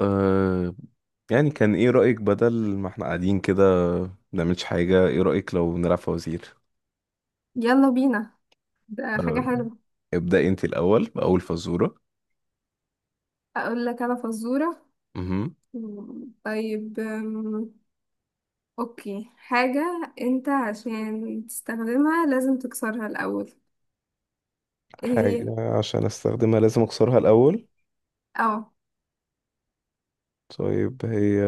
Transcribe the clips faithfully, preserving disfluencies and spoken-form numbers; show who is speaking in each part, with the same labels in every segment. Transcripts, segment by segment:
Speaker 1: أه. يعني كان ايه رأيك بدل ما احنا قاعدين كده بنعملش حاجة؟ ايه رأيك لو نلعب فوازير؟
Speaker 2: يلا بينا. ده حاجة
Speaker 1: أه،
Speaker 2: حلوة.
Speaker 1: ابدأي انت الأول بأول فزورة.
Speaker 2: أقول لك أنا فزورة.
Speaker 1: مهم.
Speaker 2: مم، طيب، أم، أوكي، حاجة أنت عشان تستخدمها لازم تكسرها الأول. إيه هي؟
Speaker 1: حاجة عشان استخدمها لازم اكسرها الاول.
Speaker 2: أه.
Speaker 1: طيب هي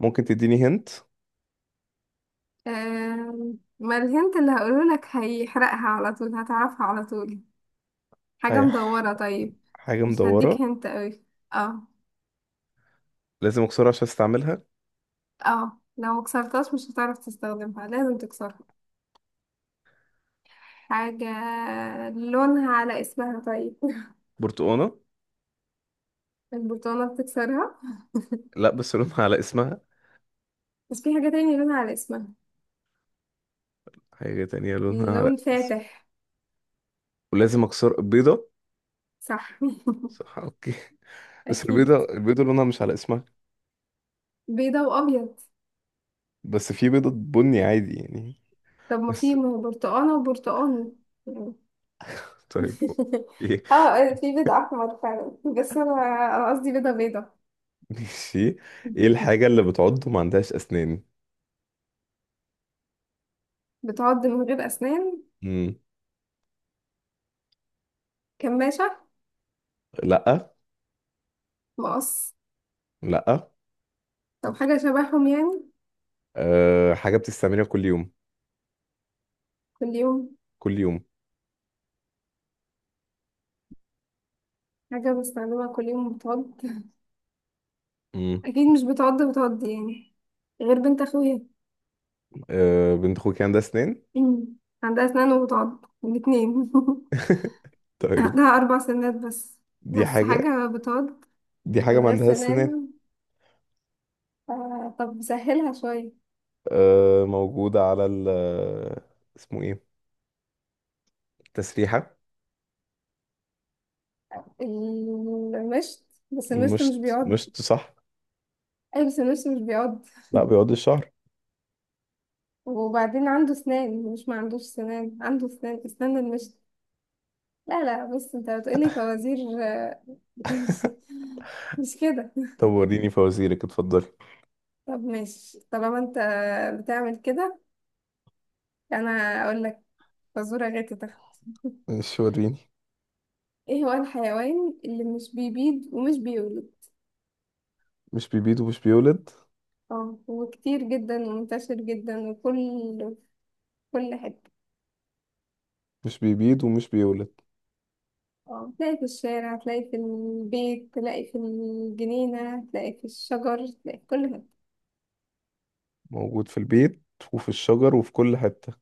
Speaker 1: ممكن تديني هنت.
Speaker 2: أم، ما الهنت اللي هقوله لك هيحرقها على طول، هتعرفها على طول. حاجة
Speaker 1: هي ح-
Speaker 2: مدورة. طيب،
Speaker 1: حاجة
Speaker 2: مش
Speaker 1: مدورة.
Speaker 2: هديك هنت أوي. اه.
Speaker 1: لازم اكسرها عشان استعملها.
Speaker 2: اه، لو مكسرتهاش مش هتعرف تستخدمها، لازم تكسرها. حاجة لونها على اسمها طيب
Speaker 1: برتقانة.
Speaker 2: البرتقالة بتكسرها.
Speaker 1: لا، بس لونها على اسمها.
Speaker 2: بس في حاجة تانية لون على اسمها.
Speaker 1: حاجة تانية لونها على
Speaker 2: لون
Speaker 1: اسمها.
Speaker 2: فاتح.
Speaker 1: ولازم اكسر بيضة.
Speaker 2: صح.
Speaker 1: صح، اوكي. بس
Speaker 2: أكيد.
Speaker 1: البيضة البيضة لونها مش على اسمها.
Speaker 2: بيضة وأبيض.
Speaker 1: بس في بيضة بني عادي يعني.
Speaker 2: طب ما في،
Speaker 1: بس،
Speaker 2: ما هو برتقانة وبرتقاني يعني.
Speaker 1: طيب اوكي
Speaker 2: اه، في بيضة أحمر فعلا، بس أنا أنا قصدي بيضة بيضة.
Speaker 1: ماشي. ايه الحاجة اللي بتعض وما عندهاش اسنان؟
Speaker 2: بتعض من غير أسنان.
Speaker 1: مم.
Speaker 2: كماشة.
Speaker 1: لا،
Speaker 2: مقص.
Speaker 1: لا.
Speaker 2: طب حاجة شبههم يعني.
Speaker 1: أه، حاجة بتستعملها كل يوم.
Speaker 2: كل يوم.
Speaker 1: كل يوم.
Speaker 2: حاجة بستخدمها كل يوم بتعض
Speaker 1: مم.
Speaker 2: أكيد مش بتعض بتعض يعني، غير بنت أخويا.
Speaker 1: أه، بنت اخوك عندها اسنان.
Speaker 2: عندها أسنان وبتعض الاتنين
Speaker 1: طيب
Speaker 2: عندها أربع سنات بس.
Speaker 1: دي
Speaker 2: بس
Speaker 1: حاجة.
Speaker 2: حاجة بتقعد
Speaker 1: دي حاجة
Speaker 2: من
Speaker 1: ما
Speaker 2: غير
Speaker 1: عندهاش اسنان.
Speaker 2: سنان. ف- طب سهلها شوية.
Speaker 1: أه، موجودة على ال، اسمه ايه؟ تسريحة.
Speaker 2: المشط. بس المشط
Speaker 1: مش
Speaker 2: مش بيقعد.
Speaker 1: مش صح.
Speaker 2: أي، بس المشط مش بيقعد،
Speaker 1: لا، بيقعد الشهر.
Speaker 2: وبعدين عنده سنان، مش ما عندوش سنان، عنده سنان، اسنان المشط. لا لا، بص انت بتقولي فوازير. آه، مش مش كده.
Speaker 1: طب وريني فوازيرك، اتفضلي.
Speaker 2: طب ماشي، طالما انت بتعمل كده. انا اقول لك فزورة، غير تتخ
Speaker 1: مش، وريني.
Speaker 2: ايه هو الحيوان اللي مش بيبيض ومش بيولد.
Speaker 1: مش بيبيض ومش بيولد.
Speaker 2: اه، وكتير جدا ومنتشر جدا وكل في كل حتة.
Speaker 1: مش بيبيض ومش بيولد.
Speaker 2: اه، تلاقي في الشارع، تلاقي في البيت، تلاقي في الجنينة، تلاقي في الشجر، تلاقي في كل حتة.
Speaker 1: موجود في البيت وفي الشجر وفي كل حتة.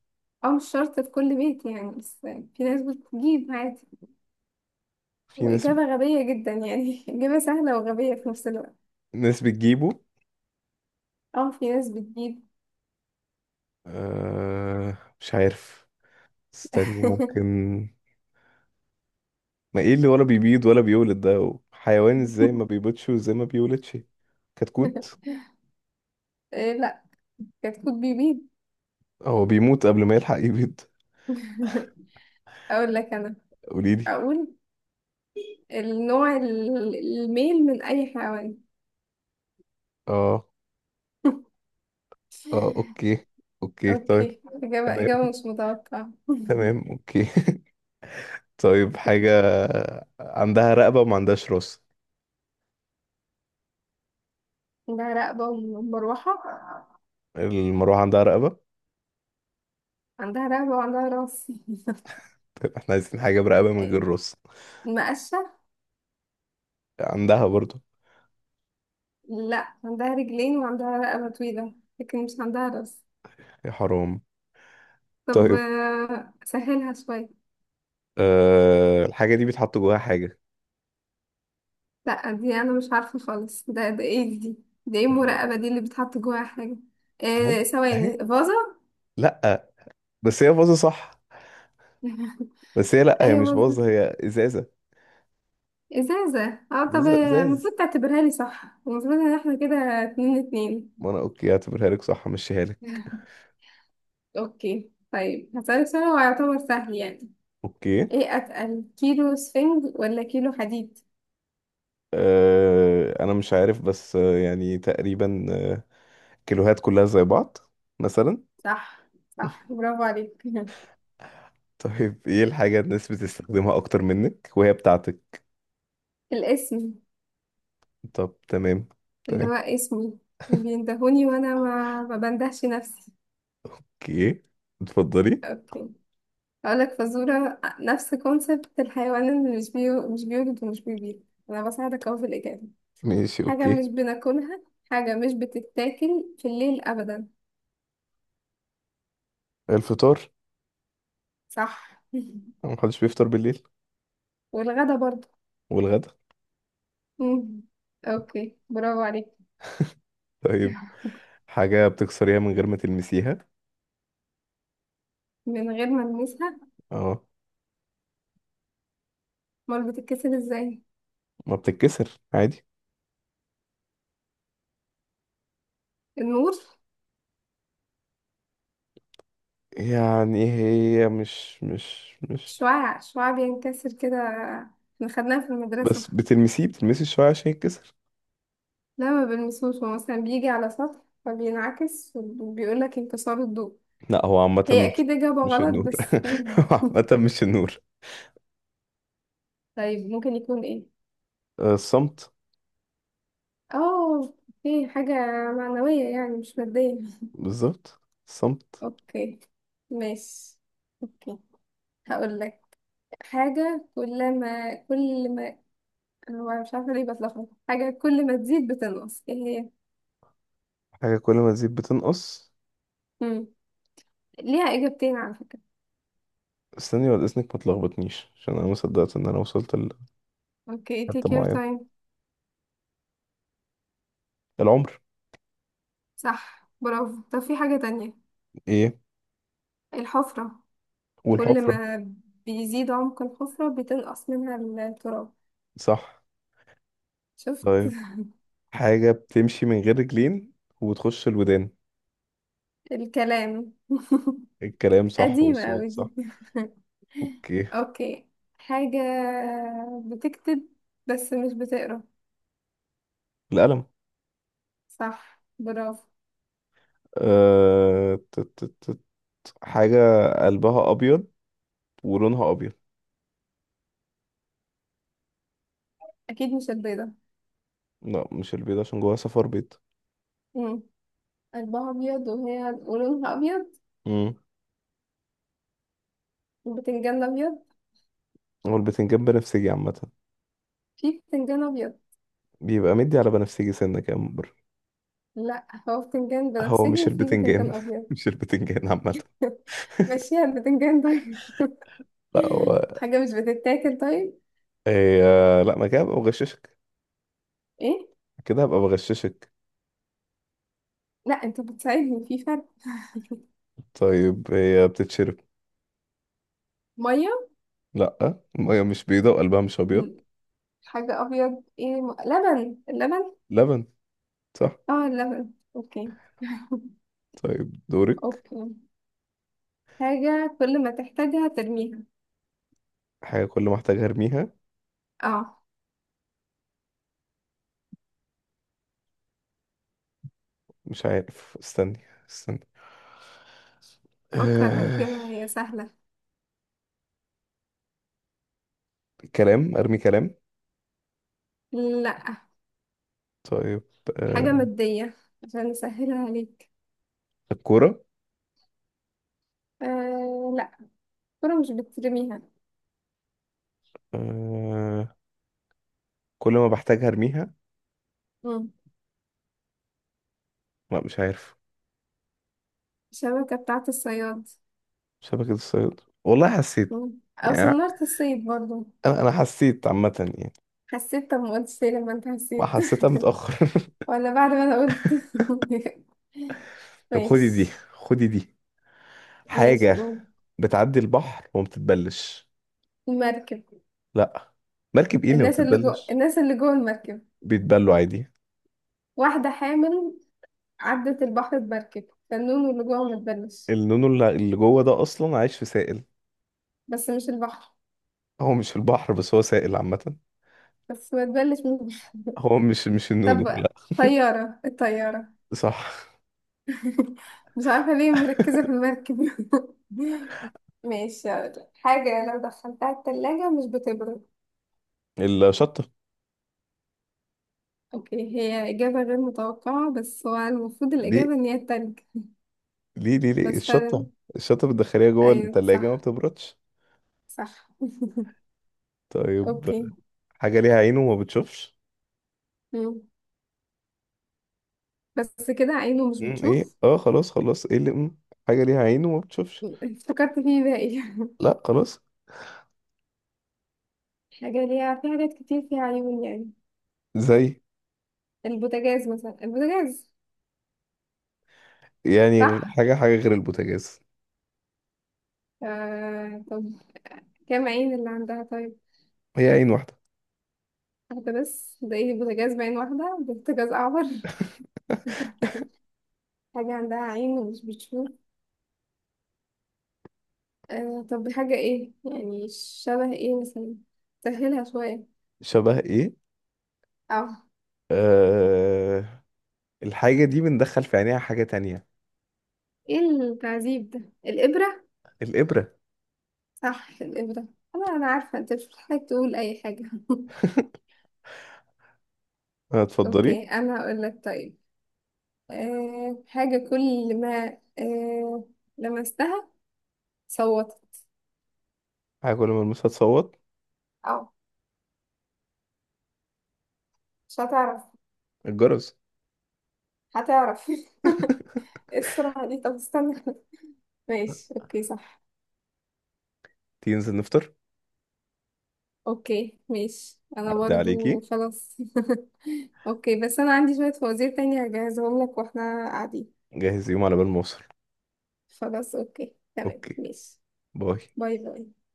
Speaker 2: او مش شرط في كل بيت يعني، بس في ناس بتجيب عادي.
Speaker 1: في ناس.
Speaker 2: وإجابة غبية جدا يعني إجابة سهلة وغبية في نفس الوقت.
Speaker 1: ناس بتجيبه.
Speaker 2: اه، في ناس بتجيب.
Speaker 1: آه، مش عارف. استني، ممكن. ما ايه اللي ولا بيبيض ولا بيولد؟ ده حيوان ازاي ما بيبيضش وازاي ما بيولدش؟ كتكوت.
Speaker 2: إيه، لا، كتكوت بيبيض.
Speaker 1: هو بيموت قبل ما يلحق يبيض.
Speaker 2: اقول لك انا.
Speaker 1: قوليلي.
Speaker 2: اقول النوع ال- الميل من اي حيوان.
Speaker 1: اه، اه اوكي. اوكي طيب.
Speaker 2: اوكي، إجابة
Speaker 1: تمام.
Speaker 2: إجابة مش متوقعة
Speaker 1: تمام اوكي. طيب، حاجة عندها رقبة وما عندهاش راس.
Speaker 2: عندها رقبة ومروحة.
Speaker 1: المروحة عندها رقبة؟
Speaker 2: عندها رقبة وعندها راس.
Speaker 1: طيب احنا عايزين حاجة برقبة من
Speaker 2: إيه،
Speaker 1: غير راس.
Speaker 2: مقشة.
Speaker 1: عندها برضو.
Speaker 2: لا، عندها رجلين وعندها رقبة طويلة، لكن مش عندها راس.
Speaker 1: يا حرام.
Speaker 2: طب
Speaker 1: طيب،
Speaker 2: آه، سهلها شوية.
Speaker 1: أه، الحاجة دي بيتحط جواها حاجة.
Speaker 2: لا دي أنا مش عارفة خالص. ده ده ايه دي؟ ده ايه المراقبة دي اللي بتحط جواها حاجة؟
Speaker 1: اهي.
Speaker 2: إيه،
Speaker 1: اهي.
Speaker 2: ثواني، فازة.
Speaker 1: لأ. بس هي باظة، صح. بس هي، لأ، هي مش
Speaker 2: أيوة،
Speaker 1: باظة،
Speaker 2: فازة.
Speaker 1: هي إزازة.
Speaker 2: إزازة. اه طب،
Speaker 1: إزازة،
Speaker 2: آه، المفروض
Speaker 1: إزاز.
Speaker 2: تعتبرها لي صح، المفروض إن احنا كده اتنين اتنين.
Speaker 1: ما أنا أوكي، هعتبرها لك صح، همشيها لك.
Speaker 2: اوكي، طيب هسألك سؤال هو يعتبر سهل يعني.
Speaker 1: أوكي.
Speaker 2: ايه اتقل، كيلو سفنج ولا كيلو حديد؟
Speaker 1: أه أنا مش عارف، بس آه، يعني تقريبا. آه، كيلوهات كلها زي بعض، مثلا.
Speaker 2: صح. صح، برافو عليك.
Speaker 1: طيب إيه الحاجة الناس بتستخدمها أكتر منك وهي بتاعتك؟
Speaker 2: الاسم،
Speaker 1: طب تمام.
Speaker 2: اللي
Speaker 1: تمام
Speaker 2: هو اسمي بيندهوني وانا ما, ما بندهش نفسي.
Speaker 1: أوكي، اتفضلي.
Speaker 2: اوكي، هقولك فزورة نفس كونسبت الحيوان اللي مش بيو... مش بيولد ومش بيبيض. انا بساعدك اهو في الاجابة.
Speaker 1: ماشي
Speaker 2: حاجة
Speaker 1: أوكي.
Speaker 2: مش بناكلها، حاجة مش بتتاكل في الليل ابدا.
Speaker 1: الفطار.
Speaker 2: صح.
Speaker 1: محدش بيفطر بالليل.
Speaker 2: والغدا برضه.
Speaker 1: والغدا.
Speaker 2: مم. اوكي، برافو عليك.
Speaker 1: طيب حاجة بتكسريها من غير ما تلمسيها.
Speaker 2: من غير ما ألمسها.
Speaker 1: اه.
Speaker 2: أمال بتتكسر إزاي؟
Speaker 1: ما بتتكسر عادي.
Speaker 2: النور.
Speaker 1: يعني هي مش مش مش.
Speaker 2: شعاع، شعاع بينكسر كده. احنا خدناها في المدرسة.
Speaker 1: بس بتلمسيه بتلمسي شوية عشان يتكسر.
Speaker 2: لا ما بلمسوش، هو مثلا بيجي على سطح فبينعكس وبيقولك انكسار الضوء.
Speaker 1: لا، هو عامة
Speaker 2: هي
Speaker 1: مش
Speaker 2: أكيد إجابة
Speaker 1: مش
Speaker 2: غلط
Speaker 1: النور.
Speaker 2: بس.
Speaker 1: هو عامة مش النور.
Speaker 2: طيب، ممكن يكون إيه؟
Speaker 1: آه، الصمت.
Speaker 2: اه. في حاجة معنوية يعني، مش مادية.
Speaker 1: بالظبط، الصمت.
Speaker 2: اوكي. ماشي. اوكي، هقول لك. حاجة كل ما كل ما هو مش عارفة ليه بتلخبط. حاجة كل ما تزيد بتنقص، ايه هي؟
Speaker 1: حاجة كل ما تزيد بتنقص.
Speaker 2: مم. ليها إجابتين على فكرة.
Speaker 1: استني ولا إذنك، ما تلخبطنيش عشان أنا ما صدقت إن أنا وصلت
Speaker 2: اوكي،
Speaker 1: لحتة
Speaker 2: take your
Speaker 1: معينة.
Speaker 2: time.
Speaker 1: العمر.
Speaker 2: صح، برافو. طب في حاجة تانية.
Speaker 1: إيه؟
Speaker 2: الحفرة. كل
Speaker 1: والحفرة.
Speaker 2: ما بيزيد عمق الحفرة بتنقص منها ال- التراب.
Speaker 1: صح.
Speaker 2: شفت.
Speaker 1: طيب حاجة بتمشي من غير رجلين وتخش الودان.
Speaker 2: الكلام
Speaker 1: الكلام صح
Speaker 2: قديمة أوي
Speaker 1: والصوت
Speaker 2: دي.
Speaker 1: صح. اوكي.
Speaker 2: اوكي. حاجة بتكتب بس مش بتقرا.
Speaker 1: القلم.
Speaker 2: صح برافو.
Speaker 1: أه... ت- ت- ت- ت- حاجة قلبها أبيض ولونها أبيض.
Speaker 2: أكيد مش البيضة.
Speaker 1: لا، مش البيض عشان جواها صفار بيض.
Speaker 2: مم. قلبها أبيض وهي ولونها أبيض.
Speaker 1: امم.
Speaker 2: وبتنجان أبيض.
Speaker 1: هو البتنجان بنفسجي عامة.
Speaker 2: في بتنجان أبيض.
Speaker 1: بيبقى مدي على بنفسجي سنة كده من بره.
Speaker 2: لا، هو بتنجان
Speaker 1: هو
Speaker 2: بنفسجي،
Speaker 1: مش
Speaker 2: وفي بتنجان
Speaker 1: البتنجان
Speaker 2: ابيض.
Speaker 1: مش البتنجان عامة.
Speaker 2: ماشيها البتنجان طيب.
Speaker 1: لا هو.
Speaker 2: حاجه مش بتتاكل طيب.
Speaker 1: هي. لا، ما كده هبقى بغششك.
Speaker 2: ايه،
Speaker 1: كده هبقى بغششك.
Speaker 2: لا انت بتساعدني في فرق.
Speaker 1: طيب هي بتتشرب.
Speaker 2: ميه.
Speaker 1: لا، المية مش بيضة وقلبها مش أبيض.
Speaker 2: مم. حاجه ابيض ايه، م... لبن، اللبن.
Speaker 1: لبن. صح.
Speaker 2: اه، اللبن. اوكي
Speaker 1: طيب دورك.
Speaker 2: اوكي، حاجه كل ما تحتاجها ترميها.
Speaker 1: حاجة كل ما احتاج ارميها.
Speaker 2: اه،
Speaker 1: مش عارف، استني. استني.
Speaker 2: فكر،
Speaker 1: آه،
Speaker 2: هتجيبها هي سهله.
Speaker 1: كلام، ارمي كلام.
Speaker 2: لا،
Speaker 1: طيب،
Speaker 2: حاجه
Speaker 1: آه
Speaker 2: ماديه عشان اسهلها عليك.
Speaker 1: الكورة.
Speaker 2: آه لا، الكره مش بترميها.
Speaker 1: آه كل ما بحتاج ارميها.
Speaker 2: مم.
Speaker 1: لا، مش عارف.
Speaker 2: الشبكه بتاعت الصياد.
Speaker 1: شبكة الصيد، والله حسيت
Speaker 2: مم. او
Speaker 1: يعني.
Speaker 2: صنعت الصيد برضو.
Speaker 1: انا انا حسيت عامة يعني.
Speaker 2: حسيت، طب ما قلتش ليه لما انت
Speaker 1: ما
Speaker 2: حسيت؟
Speaker 1: حسيتها متأخر.
Speaker 2: ولا بعد ما انا قلت.
Speaker 1: طب خدي دي،
Speaker 2: ماشي.
Speaker 1: خدي دي
Speaker 2: ماشي،
Speaker 1: حاجة
Speaker 2: قول.
Speaker 1: بتعدي البحر وما بتتبلش.
Speaker 2: المركب.
Speaker 1: لا. مركب ايه اللي ما
Speaker 2: الناس اللي جوه
Speaker 1: بتتبلش؟
Speaker 2: الناس اللي جوه المركب.
Speaker 1: بيتبلوا عادي.
Speaker 2: واحدة حامل عدت البحر بمركب، فالنون واللي جوه ما تبلش.
Speaker 1: النونو اللي اللي جوه ده اصلا عايش في سائل.
Speaker 2: بس مش البحر.
Speaker 1: هو مش في البحر، بس هو سائل عامة.
Speaker 2: بس ما تبلش من البحر.
Speaker 1: هو مش مش النونو،
Speaker 2: طب
Speaker 1: لا.
Speaker 2: طيارة الطيارة.
Speaker 1: صح.
Speaker 2: مش عارفة ليه مركزة في المركب ماشي، هقولك. حاجة لو دخلتها التلاجة مش بتبرد.
Speaker 1: الشطة.
Speaker 2: اوكي، هي إجابة غير متوقعة، بس هو المفروض
Speaker 1: ليه
Speaker 2: الإجابة إن هي التلج.
Speaker 1: ليه ليه ليه
Speaker 2: بس
Speaker 1: الشطة؟
Speaker 2: فعلا.
Speaker 1: الشطة بتدخليها جوه
Speaker 2: أيوة
Speaker 1: التلاجة ما
Speaker 2: صح.
Speaker 1: بتبردش.
Speaker 2: صح.
Speaker 1: طيب
Speaker 2: اوكي.
Speaker 1: حاجة ليها عين وما بتشوفش.
Speaker 2: مم. بس كده عينه مش
Speaker 1: مم، ايه؟
Speaker 2: بتشوف.
Speaker 1: اه، خلاص خلاص. ايه اللي مم. حاجة ليها عين وما بتشوفش؟
Speaker 2: افتكرت فيه باقي.
Speaker 1: لا، خلاص.
Speaker 2: حاجة ليها، في حاجات كتير فيها عيون يعني.
Speaker 1: زي؟
Speaker 2: البوتاجاز، مثلا البوتاجاز.
Speaker 1: يعني غ-
Speaker 2: صح.
Speaker 1: حاجة، حاجة غير البوتاجاز.
Speaker 2: آه طب كام عين اللي عندها طيب؟
Speaker 1: هي عين واحدة.
Speaker 2: واحدة بس؟ ده ايه بوتاجاز بعين واحدة؟ ده بوتاجاز أعور حاجة عندها عين ومش بتشوف. آه طب حاجة ايه يعني؟ شبه ايه مثلا؟ سهلها شوية.
Speaker 1: شبه ايه؟
Speaker 2: اه،
Speaker 1: آه... الحاجة دي بندخل في عينيها حاجة تانية.
Speaker 2: ايه التعذيب ده؟ الإبرة.
Speaker 1: الإبرة.
Speaker 2: صح الإبرة. انا انا عارفة انت مش محتاج تقول اي حاجة
Speaker 1: هتفضلي.
Speaker 2: اوكي، انا هقول لك. طيب، أه حاجة كل ما أه لمستها صوتت.
Speaker 1: حاجة كل ما المسها تصوت.
Speaker 2: اه، مش هتعرف.
Speaker 1: الجرس.
Speaker 2: هتعرف إيه السرعة دي؟ طب استنى. ماشي. اوكي، صح.
Speaker 1: تيجي ننزل نفطر.
Speaker 2: اوكي، ماشي، انا
Speaker 1: عدى
Speaker 2: برضو
Speaker 1: عليكي.
Speaker 2: خلاص. اوكي، بس انا عندي شوية فوازير تانية هجهزهم لك واحنا قاعدين.
Speaker 1: جهز يوم على بال ما اوصل.
Speaker 2: خلاص، اوكي، تمام،
Speaker 1: اوكي.
Speaker 2: ماشي.
Speaker 1: باي.
Speaker 2: باي باي.